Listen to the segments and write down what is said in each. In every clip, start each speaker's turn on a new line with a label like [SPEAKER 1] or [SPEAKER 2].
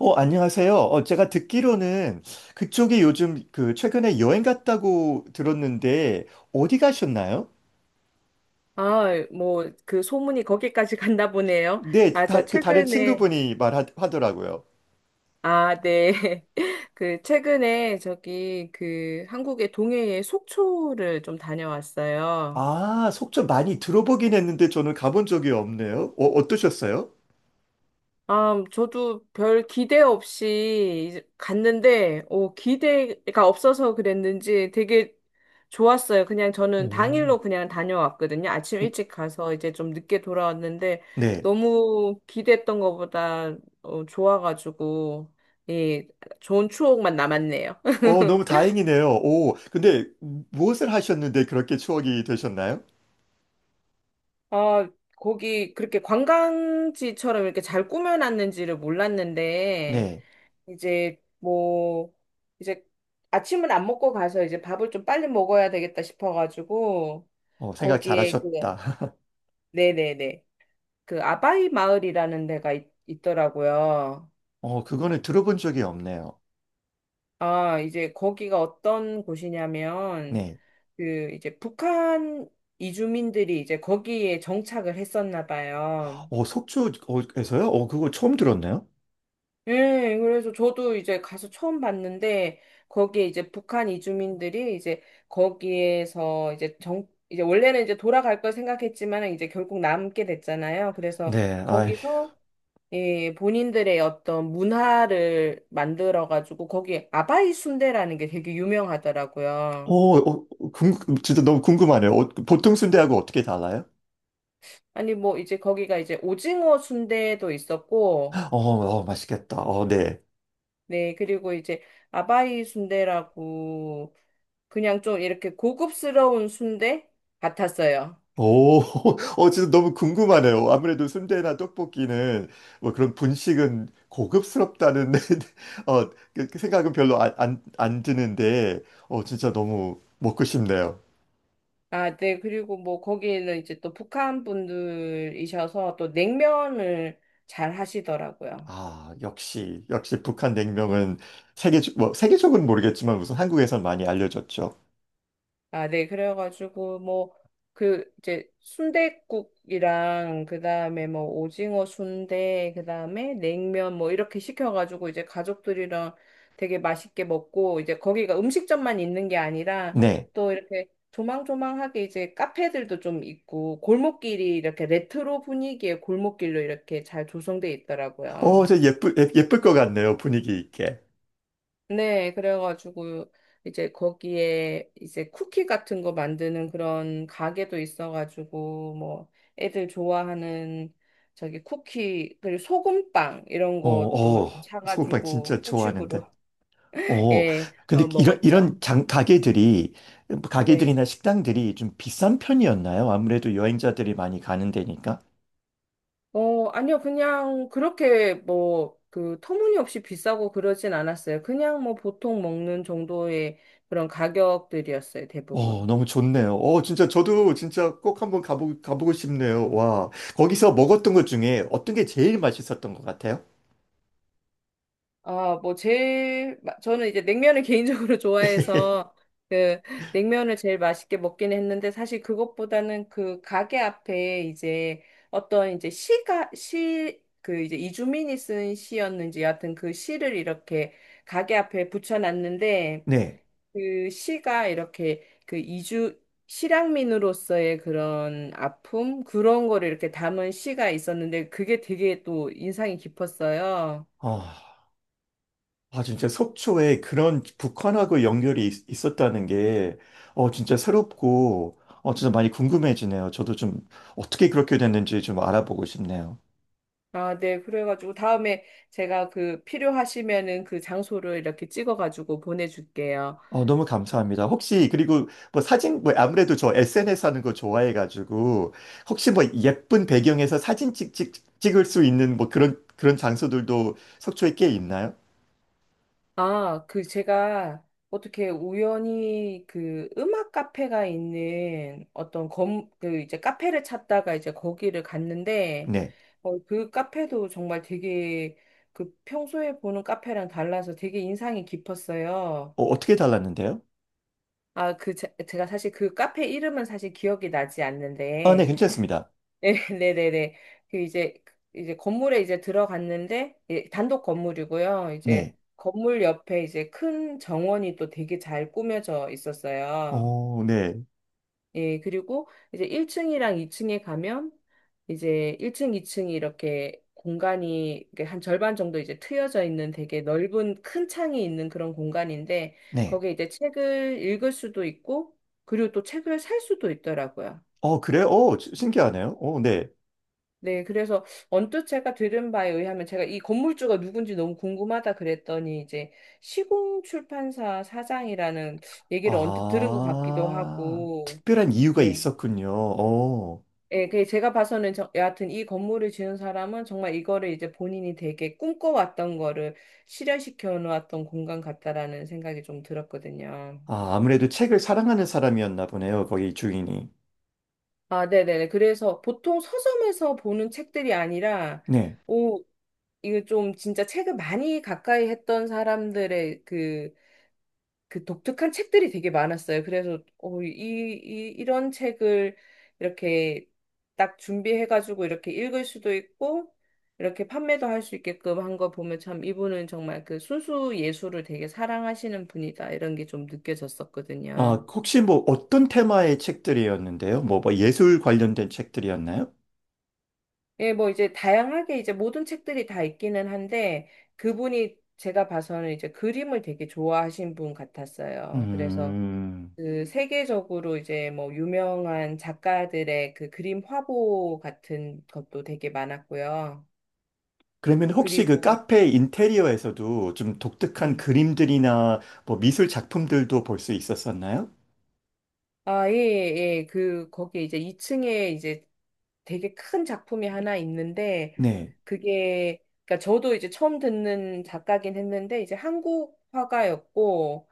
[SPEAKER 1] 안녕하세요. 제가 듣기로는 그쪽이 요즘 최근에 여행 갔다고 들었는데 어디 가셨나요?
[SPEAKER 2] 아, 뭐, 그 소문이 거기까지 갔나 보네요.
[SPEAKER 1] 네,
[SPEAKER 2] 아, 저
[SPEAKER 1] 그 다른
[SPEAKER 2] 최근에,
[SPEAKER 1] 친구분이 말하더라고요.
[SPEAKER 2] 아, 네. 그, 최근에 저기, 그, 한국의 동해에 속초를 좀 다녀왔어요.
[SPEAKER 1] 아, 속초 많이 들어보긴 했는데 저는 가본 적이 없네요. 어떠셨어요?
[SPEAKER 2] 아, 저도 별 기대 없이 이제 갔는데, 오, 기대가 없어서 그랬는지 되게 좋았어요. 그냥 저는
[SPEAKER 1] 오.
[SPEAKER 2] 당일로 그냥 다녀왔거든요. 아침
[SPEAKER 1] 음,
[SPEAKER 2] 일찍 가서 이제 좀 늦게 돌아왔는데,
[SPEAKER 1] 네.
[SPEAKER 2] 너무 기대했던 것보다 어, 좋아가지고, 예, 좋은 추억만 남았네요.
[SPEAKER 1] 너무 다행이네요. 오, 근데 무엇을 하셨는데 그렇게 추억이 되셨나요?
[SPEAKER 2] 아, 거기 그렇게 관광지처럼 이렇게 잘 꾸며놨는지를 몰랐는데,
[SPEAKER 1] 네.
[SPEAKER 2] 이제 뭐 이제 아침은 안 먹고 가서 이제 밥을 좀 빨리 먹어야 되겠다 싶어가지고
[SPEAKER 1] 어, 생각
[SPEAKER 2] 거기에 그
[SPEAKER 1] 잘하셨다.
[SPEAKER 2] 네네네, 그 아바이 마을이라는 데가 있더라고요.
[SPEAKER 1] 어, 그거는 들어본 적이 없네요.
[SPEAKER 2] 아, 이제 거기가 어떤 곳이냐면
[SPEAKER 1] 네.
[SPEAKER 2] 그 이제 북한 이주민들이 이제 거기에 정착을 했었나 봐요.
[SPEAKER 1] 어, 속초에서요? 어, 그거 처음 들었네요.
[SPEAKER 2] 예, 그래서 저도 이제 가서 처음 봤는데, 거기에 이제 북한 이주민들이 이제 거기에서 이제 이제 원래는 이제 돌아갈 걸 생각했지만 이제 결국 남게 됐잖아요. 그래서
[SPEAKER 1] 네, 아이,
[SPEAKER 2] 거기서 예, 본인들의 어떤 문화를 만들어가지고 거기 아바이 순대라는 게 되게
[SPEAKER 1] 어,
[SPEAKER 2] 유명하더라고요.
[SPEAKER 1] 어, 진짜 너무 궁금하네요. 그 보통 순대하고 어떻게 달라요?
[SPEAKER 2] 아니, 뭐 이제 거기가 이제 오징어 순대도 있었고,
[SPEAKER 1] 어, 어, 맛있겠다. 어, 네.
[SPEAKER 2] 네, 그리고 이제 아바이 순대라고 그냥 좀 이렇게 고급스러운 순대 같았어요.
[SPEAKER 1] 오, 진짜 너무 궁금하네요. 아무래도 순대나 떡볶이는 뭐 그런 분식은 고급스럽다는 어, 그 생각은 별로 안 드는데, 진짜 너무 먹고 싶네요.
[SPEAKER 2] 아, 네. 그리고 뭐 거기는 이제 또 북한 분들이셔서 또 냉면을 잘 하시더라고요.
[SPEAKER 1] 아, 역시 북한 냉면은 세계적으로는 모르겠지만 우선 한국에선 많이 알려졌죠.
[SPEAKER 2] 아, 네. 그래가지고, 뭐, 그, 이제, 순댓국이랑, 그 다음에 뭐, 오징어 순대, 그 다음에 냉면, 뭐, 이렇게 시켜가지고, 이제 가족들이랑 되게 맛있게 먹고, 이제 거기가 음식점만 있는 게 아니라,
[SPEAKER 1] 네.
[SPEAKER 2] 또 이렇게 조망조망하게 이제 카페들도 좀 있고, 골목길이 이렇게 레트로 분위기의 골목길로 이렇게 잘 조성돼
[SPEAKER 1] 어,
[SPEAKER 2] 있더라고요.
[SPEAKER 1] 예쁠 것 같네요. 분위기 있게.
[SPEAKER 2] 네, 그래가지고 이제 거기에 이제 쿠키 같은 거 만드는 그런 가게도 있어가지고 뭐 애들 좋아하는 저기 쿠키 그리고 소금빵 이런
[SPEAKER 1] 어,
[SPEAKER 2] 것도 좀
[SPEAKER 1] 어, 소금빵 진짜
[SPEAKER 2] 사가지고
[SPEAKER 1] 좋아하는데.
[SPEAKER 2] 후식으로
[SPEAKER 1] 어,
[SPEAKER 2] 예,
[SPEAKER 1] 근데
[SPEAKER 2] 어, 먹었죠.
[SPEAKER 1] 이런 가게들이,
[SPEAKER 2] 네.
[SPEAKER 1] 가게들이나 식당들이 좀 비싼 편이었나요? 아무래도 여행자들이 많이 가는 데니까.
[SPEAKER 2] 어, 아니요, 그냥 그렇게 뭐 그 터무니없이 비싸고 그러진 않았어요. 그냥 뭐 보통 먹는 정도의 그런 가격들이었어요, 대부분.
[SPEAKER 1] 너무 좋네요. 진짜 저도 진짜 꼭 가보고 싶네요. 와, 거기서 먹었던 것 중에 어떤 게 제일 맛있었던 것 같아요?
[SPEAKER 2] 아, 뭐 저는 이제 냉면을 개인적으로 좋아해서 그 냉면을 제일 맛있게 먹긴 했는데, 사실 그것보다는 그 가게 앞에 이제 어떤 이제 시가 시 그 이제 이주민이 쓴 시였는지 여하튼 그 시를 이렇게 가게 앞에 붙여놨는데,
[SPEAKER 1] 네.
[SPEAKER 2] 그 시가 이렇게 그 이주 실향민으로서의 그런 아픔 그런 거를 이렇게 담은 시가 있었는데 그게 되게 또 인상이 깊었어요.
[SPEAKER 1] 어. 아, 진짜 속초에 그런 북한하고 연결이 있었다는 게, 어, 진짜 새롭고, 어, 진짜 많이 궁금해지네요. 저도 좀 어떻게 그렇게 됐는지 좀 알아보고 싶네요.
[SPEAKER 2] 아, 네. 그래가지고 다음에 제가 그 필요하시면은 그 장소를 이렇게 찍어가지고 보내줄게요.
[SPEAKER 1] 너무 감사합니다. 혹시, 그리고 뭐 사진, 뭐 아무래도 저 SNS 하는 거 좋아해가지고, 혹시 뭐 예쁜 배경에서 찍을 수 있는 뭐 그런 장소들도 속초에 꽤 있나요?
[SPEAKER 2] 아, 그 제가 어떻게 우연히 그 음악 카페가 있는 그 이제 카페를 찾다가 이제 거기를 갔는데,
[SPEAKER 1] 네.
[SPEAKER 2] 어, 그 카페도 정말 되게 그 평소에 보는 카페랑 달라서 되게 인상이 깊었어요.
[SPEAKER 1] 어, 어떻게 달랐는데요?
[SPEAKER 2] 아, 그, 제가 사실 그 카페 이름은 사실 기억이 나지
[SPEAKER 1] 아, 네,
[SPEAKER 2] 않는데,
[SPEAKER 1] 괜찮습니다.
[SPEAKER 2] 네, 네네네. 그 이제 건물에 이제 들어갔는데, 예, 단독 건물이고요. 이제
[SPEAKER 1] 네.
[SPEAKER 2] 건물 옆에 이제 큰 정원이 또 되게 잘 꾸며져 있었어요.
[SPEAKER 1] 어, 네.
[SPEAKER 2] 예, 그리고 이제 1층이랑 2층에 가면 이제 1층, 2층이 이렇게 공간이 이렇게 한 절반 정도 이제 트여져 있는 되게 넓은 큰 창이 있는 그런 공간인데,
[SPEAKER 1] 네.
[SPEAKER 2] 거기에 이제 책을 읽을 수도 있고 그리고 또 책을 살 수도 있더라고요.
[SPEAKER 1] 어, 그래? 어, 신기하네요. 어, 네.
[SPEAKER 2] 네, 그래서 언뜻 제가 들은 바에 의하면, 제가 이 건물주가 누군지 너무 궁금하다 그랬더니 이제 시공 출판사 사장이라는 얘기를 언뜻 들은 것 같기도
[SPEAKER 1] 아,
[SPEAKER 2] 하고,
[SPEAKER 1] 특별한 이유가
[SPEAKER 2] 네.
[SPEAKER 1] 있었군요. 어,
[SPEAKER 2] 예, 그 제가 봐서는 저, 여하튼 이 건물을 지은 사람은 정말 이거를 이제 본인이 되게 꿈꿔왔던 거를 실현시켜 놓았던 공간 같다라는 생각이 좀 들었거든요.
[SPEAKER 1] 아, 아무래도 책을 사랑하는 사람이었나 보네요. 거기 주인이.
[SPEAKER 2] 아, 네네네. 그래서 보통 서점에서 보는 책들이 아니라,
[SPEAKER 1] 네.
[SPEAKER 2] 오, 이게 좀 진짜 책을 많이 가까이 했던 사람들의 그, 그 독특한 책들이 되게 많았어요. 그래서, 어, 이런 책을 이렇게 딱 준비해가지고 이렇게 읽을 수도 있고, 이렇게 판매도 할 수 있게끔 한 거 보면, 참 이분은 정말 그 순수 예술을 되게 사랑하시는 분이다 이런 게 좀
[SPEAKER 1] 아,
[SPEAKER 2] 느껴졌었거든요.
[SPEAKER 1] 혹시 뭐 어떤 테마의 책들이었는데요? 뭐 예술 관련된 책들이었나요?
[SPEAKER 2] 예, 뭐 이제 다양하게 이제 모든 책들이 다 있기는 한데, 그분이 제가 봐서는 이제 그림을 되게 좋아하신 분 같았어요. 그래서
[SPEAKER 1] 음,
[SPEAKER 2] 그 세계적으로 이제 뭐 유명한 작가들의 그 그림 화보 같은 것도 되게 많았고요.
[SPEAKER 1] 그러면 혹시 그
[SPEAKER 2] 그리고
[SPEAKER 1] 카페 인테리어에서도 좀 독특한
[SPEAKER 2] 예.
[SPEAKER 1] 그림들이나 뭐 미술 작품들도 볼 수 있었었나요?
[SPEAKER 2] 아, 예, 예. 예. 그 거기에 이제 2층에 이제 되게 큰 작품이 하나 있는데,
[SPEAKER 1] 네.
[SPEAKER 2] 그게 그러니까 저도 이제 처음 듣는 작가긴 했는데 이제 한국 화가였고,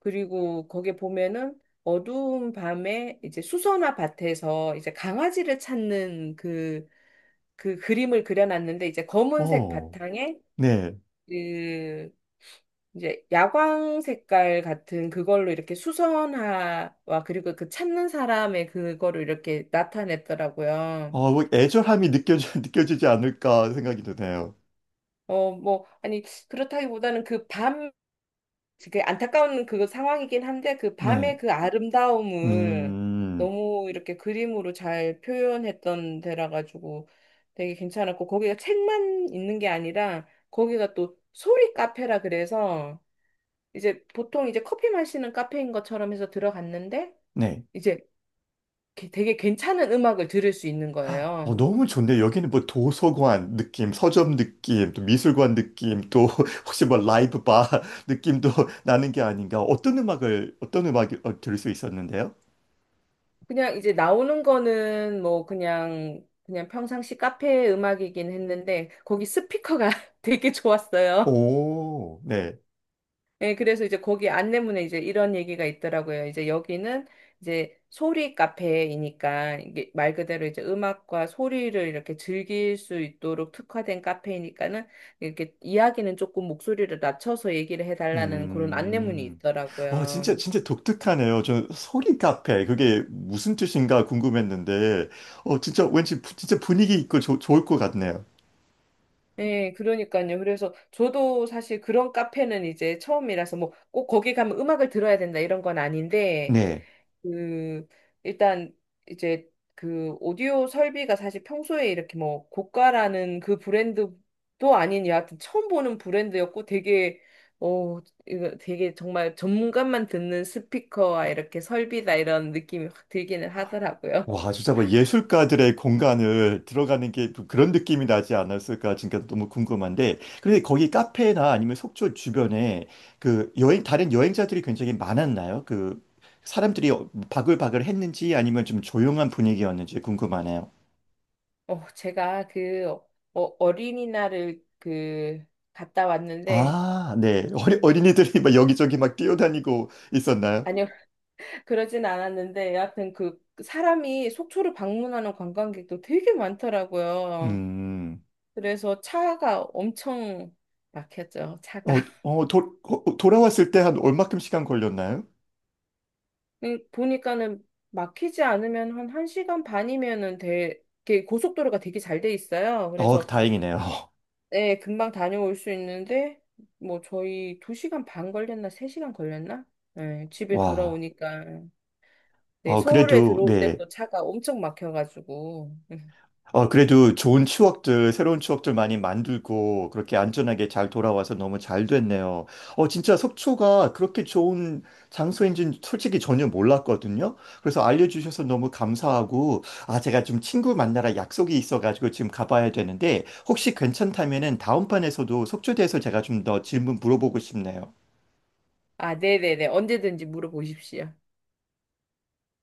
[SPEAKER 2] 그리고 거기에 보면은 어두운 밤에 이제 수선화 밭에서 이제 강아지를 찾는 그 그림을 그려놨는데, 이제 검은색
[SPEAKER 1] 어,
[SPEAKER 2] 바탕에
[SPEAKER 1] 네.
[SPEAKER 2] 그 이제 야광 색깔 같은 그걸로 이렇게 수선화와 그리고 그 찾는 사람의 그거를 이렇게 나타냈더라고요.
[SPEAKER 1] 어, 뭐 느껴지지 않을까 생각이 드네요.
[SPEAKER 2] 어, 뭐, 아니, 그렇다기보다는 그 안타까운 그 상황이긴 한데 그
[SPEAKER 1] 네.
[SPEAKER 2] 밤의 그 아름다움을
[SPEAKER 1] 음,
[SPEAKER 2] 너무 이렇게 그림으로 잘 표현했던 데라 가지고 되게 괜찮았고, 거기가 책만 있는 게 아니라 거기가 또 소리 카페라 그래서 이제 보통 이제 커피 마시는 카페인 것처럼 해서 들어갔는데,
[SPEAKER 1] 네.
[SPEAKER 2] 이제 되게 괜찮은 음악을 들을 수 있는 거예요.
[SPEAKER 1] 너무 좋네요. 여기는 뭐 도서관 느낌, 서점 느낌, 또 미술관 느낌, 또 혹시 뭐 라이브 바 느낌도 나는 게 아닌가. 어떤 음악을 어, 들을 수 있었는데요?
[SPEAKER 2] 그냥 이제 나오는 거는 뭐 그냥 평상시 카페 음악이긴 했는데 거기 스피커가 되게 좋았어요.
[SPEAKER 1] 오, 네.
[SPEAKER 2] 예, 그래서 이제 거기 안내문에 이제 이런 얘기가 있더라고요. 이제 여기는 이제 소리 카페이니까 이게 말 그대로 이제 음악과 소리를 이렇게 즐길 수 있도록 특화된 카페이니까는 이렇게 이야기는 조금 목소리를 낮춰서 얘기를 해달라는 그런 안내문이
[SPEAKER 1] 음, 어,
[SPEAKER 2] 있더라고요.
[SPEAKER 1] 진짜 독특하네요. 저 소리 카페, 그게 무슨 뜻인가 궁금했는데, 진짜 왠지, 진짜 분위기 있고 좋 좋을 것 같네요.
[SPEAKER 2] 예, 그러니까요. 그래서 저도 사실 그런 카페는 이제 처음이라서 뭐 꼭 거기 가면 음악을 들어야 된다 이런 건 아닌데,
[SPEAKER 1] 네.
[SPEAKER 2] 그 일단 이제 그 오디오 설비가 사실 평소에 이렇게 뭐 고가라는 그 브랜드도 아닌, 여하튼 처음 보는 브랜드였고, 되게 어, 이거 되게 정말 전문가만 듣는 스피커와 이렇게 설비다 이런 느낌이 확 들기는 하더라고요.
[SPEAKER 1] 와, 진짜 뭐 예술가들의 공간을 들어가는 게또 그런 느낌이 나지 않았을까? 진짜 너무 궁금한데. 그런데 거기 카페나 아니면 속초 주변에 다른 여행자들이 굉장히 많았나요? 그 사람들이 어, 바글바글 했는지 아니면 좀 조용한 분위기였는지 궁금하네요.
[SPEAKER 2] 어, 제가 그 어, 어, 어린이날을 그 갔다 왔는데,
[SPEAKER 1] 아, 네. 어린이들이 막 여기저기 막 뛰어다니고 있었나요?
[SPEAKER 2] 아니요, 그러진 않았는데 여하튼 그 사람이 속초를 방문하는 관광객도 되게 많더라고요.
[SPEAKER 1] 음.
[SPEAKER 2] 그래서 차가 엄청 막혔죠, 차가.
[SPEAKER 1] 어, 돌아왔을 때 한 얼마큼 시간 걸렸나요?
[SPEAKER 2] 근데 보니까는 막히지 않으면 한 1시간 반이면은 돼, 이렇게 고속도로가 되게 잘 돼 있어요.
[SPEAKER 1] 어,
[SPEAKER 2] 그래서,
[SPEAKER 1] 다행이네요.
[SPEAKER 2] 네, 금방 다녀올 수 있는데, 뭐 저희 2시간 반 걸렸나, 3시간 걸렸나? 네, 집에
[SPEAKER 1] 와.
[SPEAKER 2] 돌아오니까. 네,
[SPEAKER 1] 어,
[SPEAKER 2] 서울에
[SPEAKER 1] 그래도,
[SPEAKER 2] 들어올 때
[SPEAKER 1] 네.
[SPEAKER 2] 또 차가 엄청 막혀가지고.
[SPEAKER 1] 어 그래도 좋은 추억들, 새로운 추억들 많이 만들고, 그렇게 안전하게 잘 돌아와서 너무 잘 됐네요. 진짜 속초가 그렇게 좋은 장소인지는 솔직히 전혀 몰랐거든요. 그래서 알려주셔서 너무 감사하고, 아, 제가 좀 친구 만나러 약속이 있어가지고 지금 가봐야 되는데, 혹시 괜찮다면은 다음판에서도 속초에 대해서 제가 좀 더 질문 물어보고 싶네요.
[SPEAKER 2] 아, 네네네. 언제든지 물어보십시오.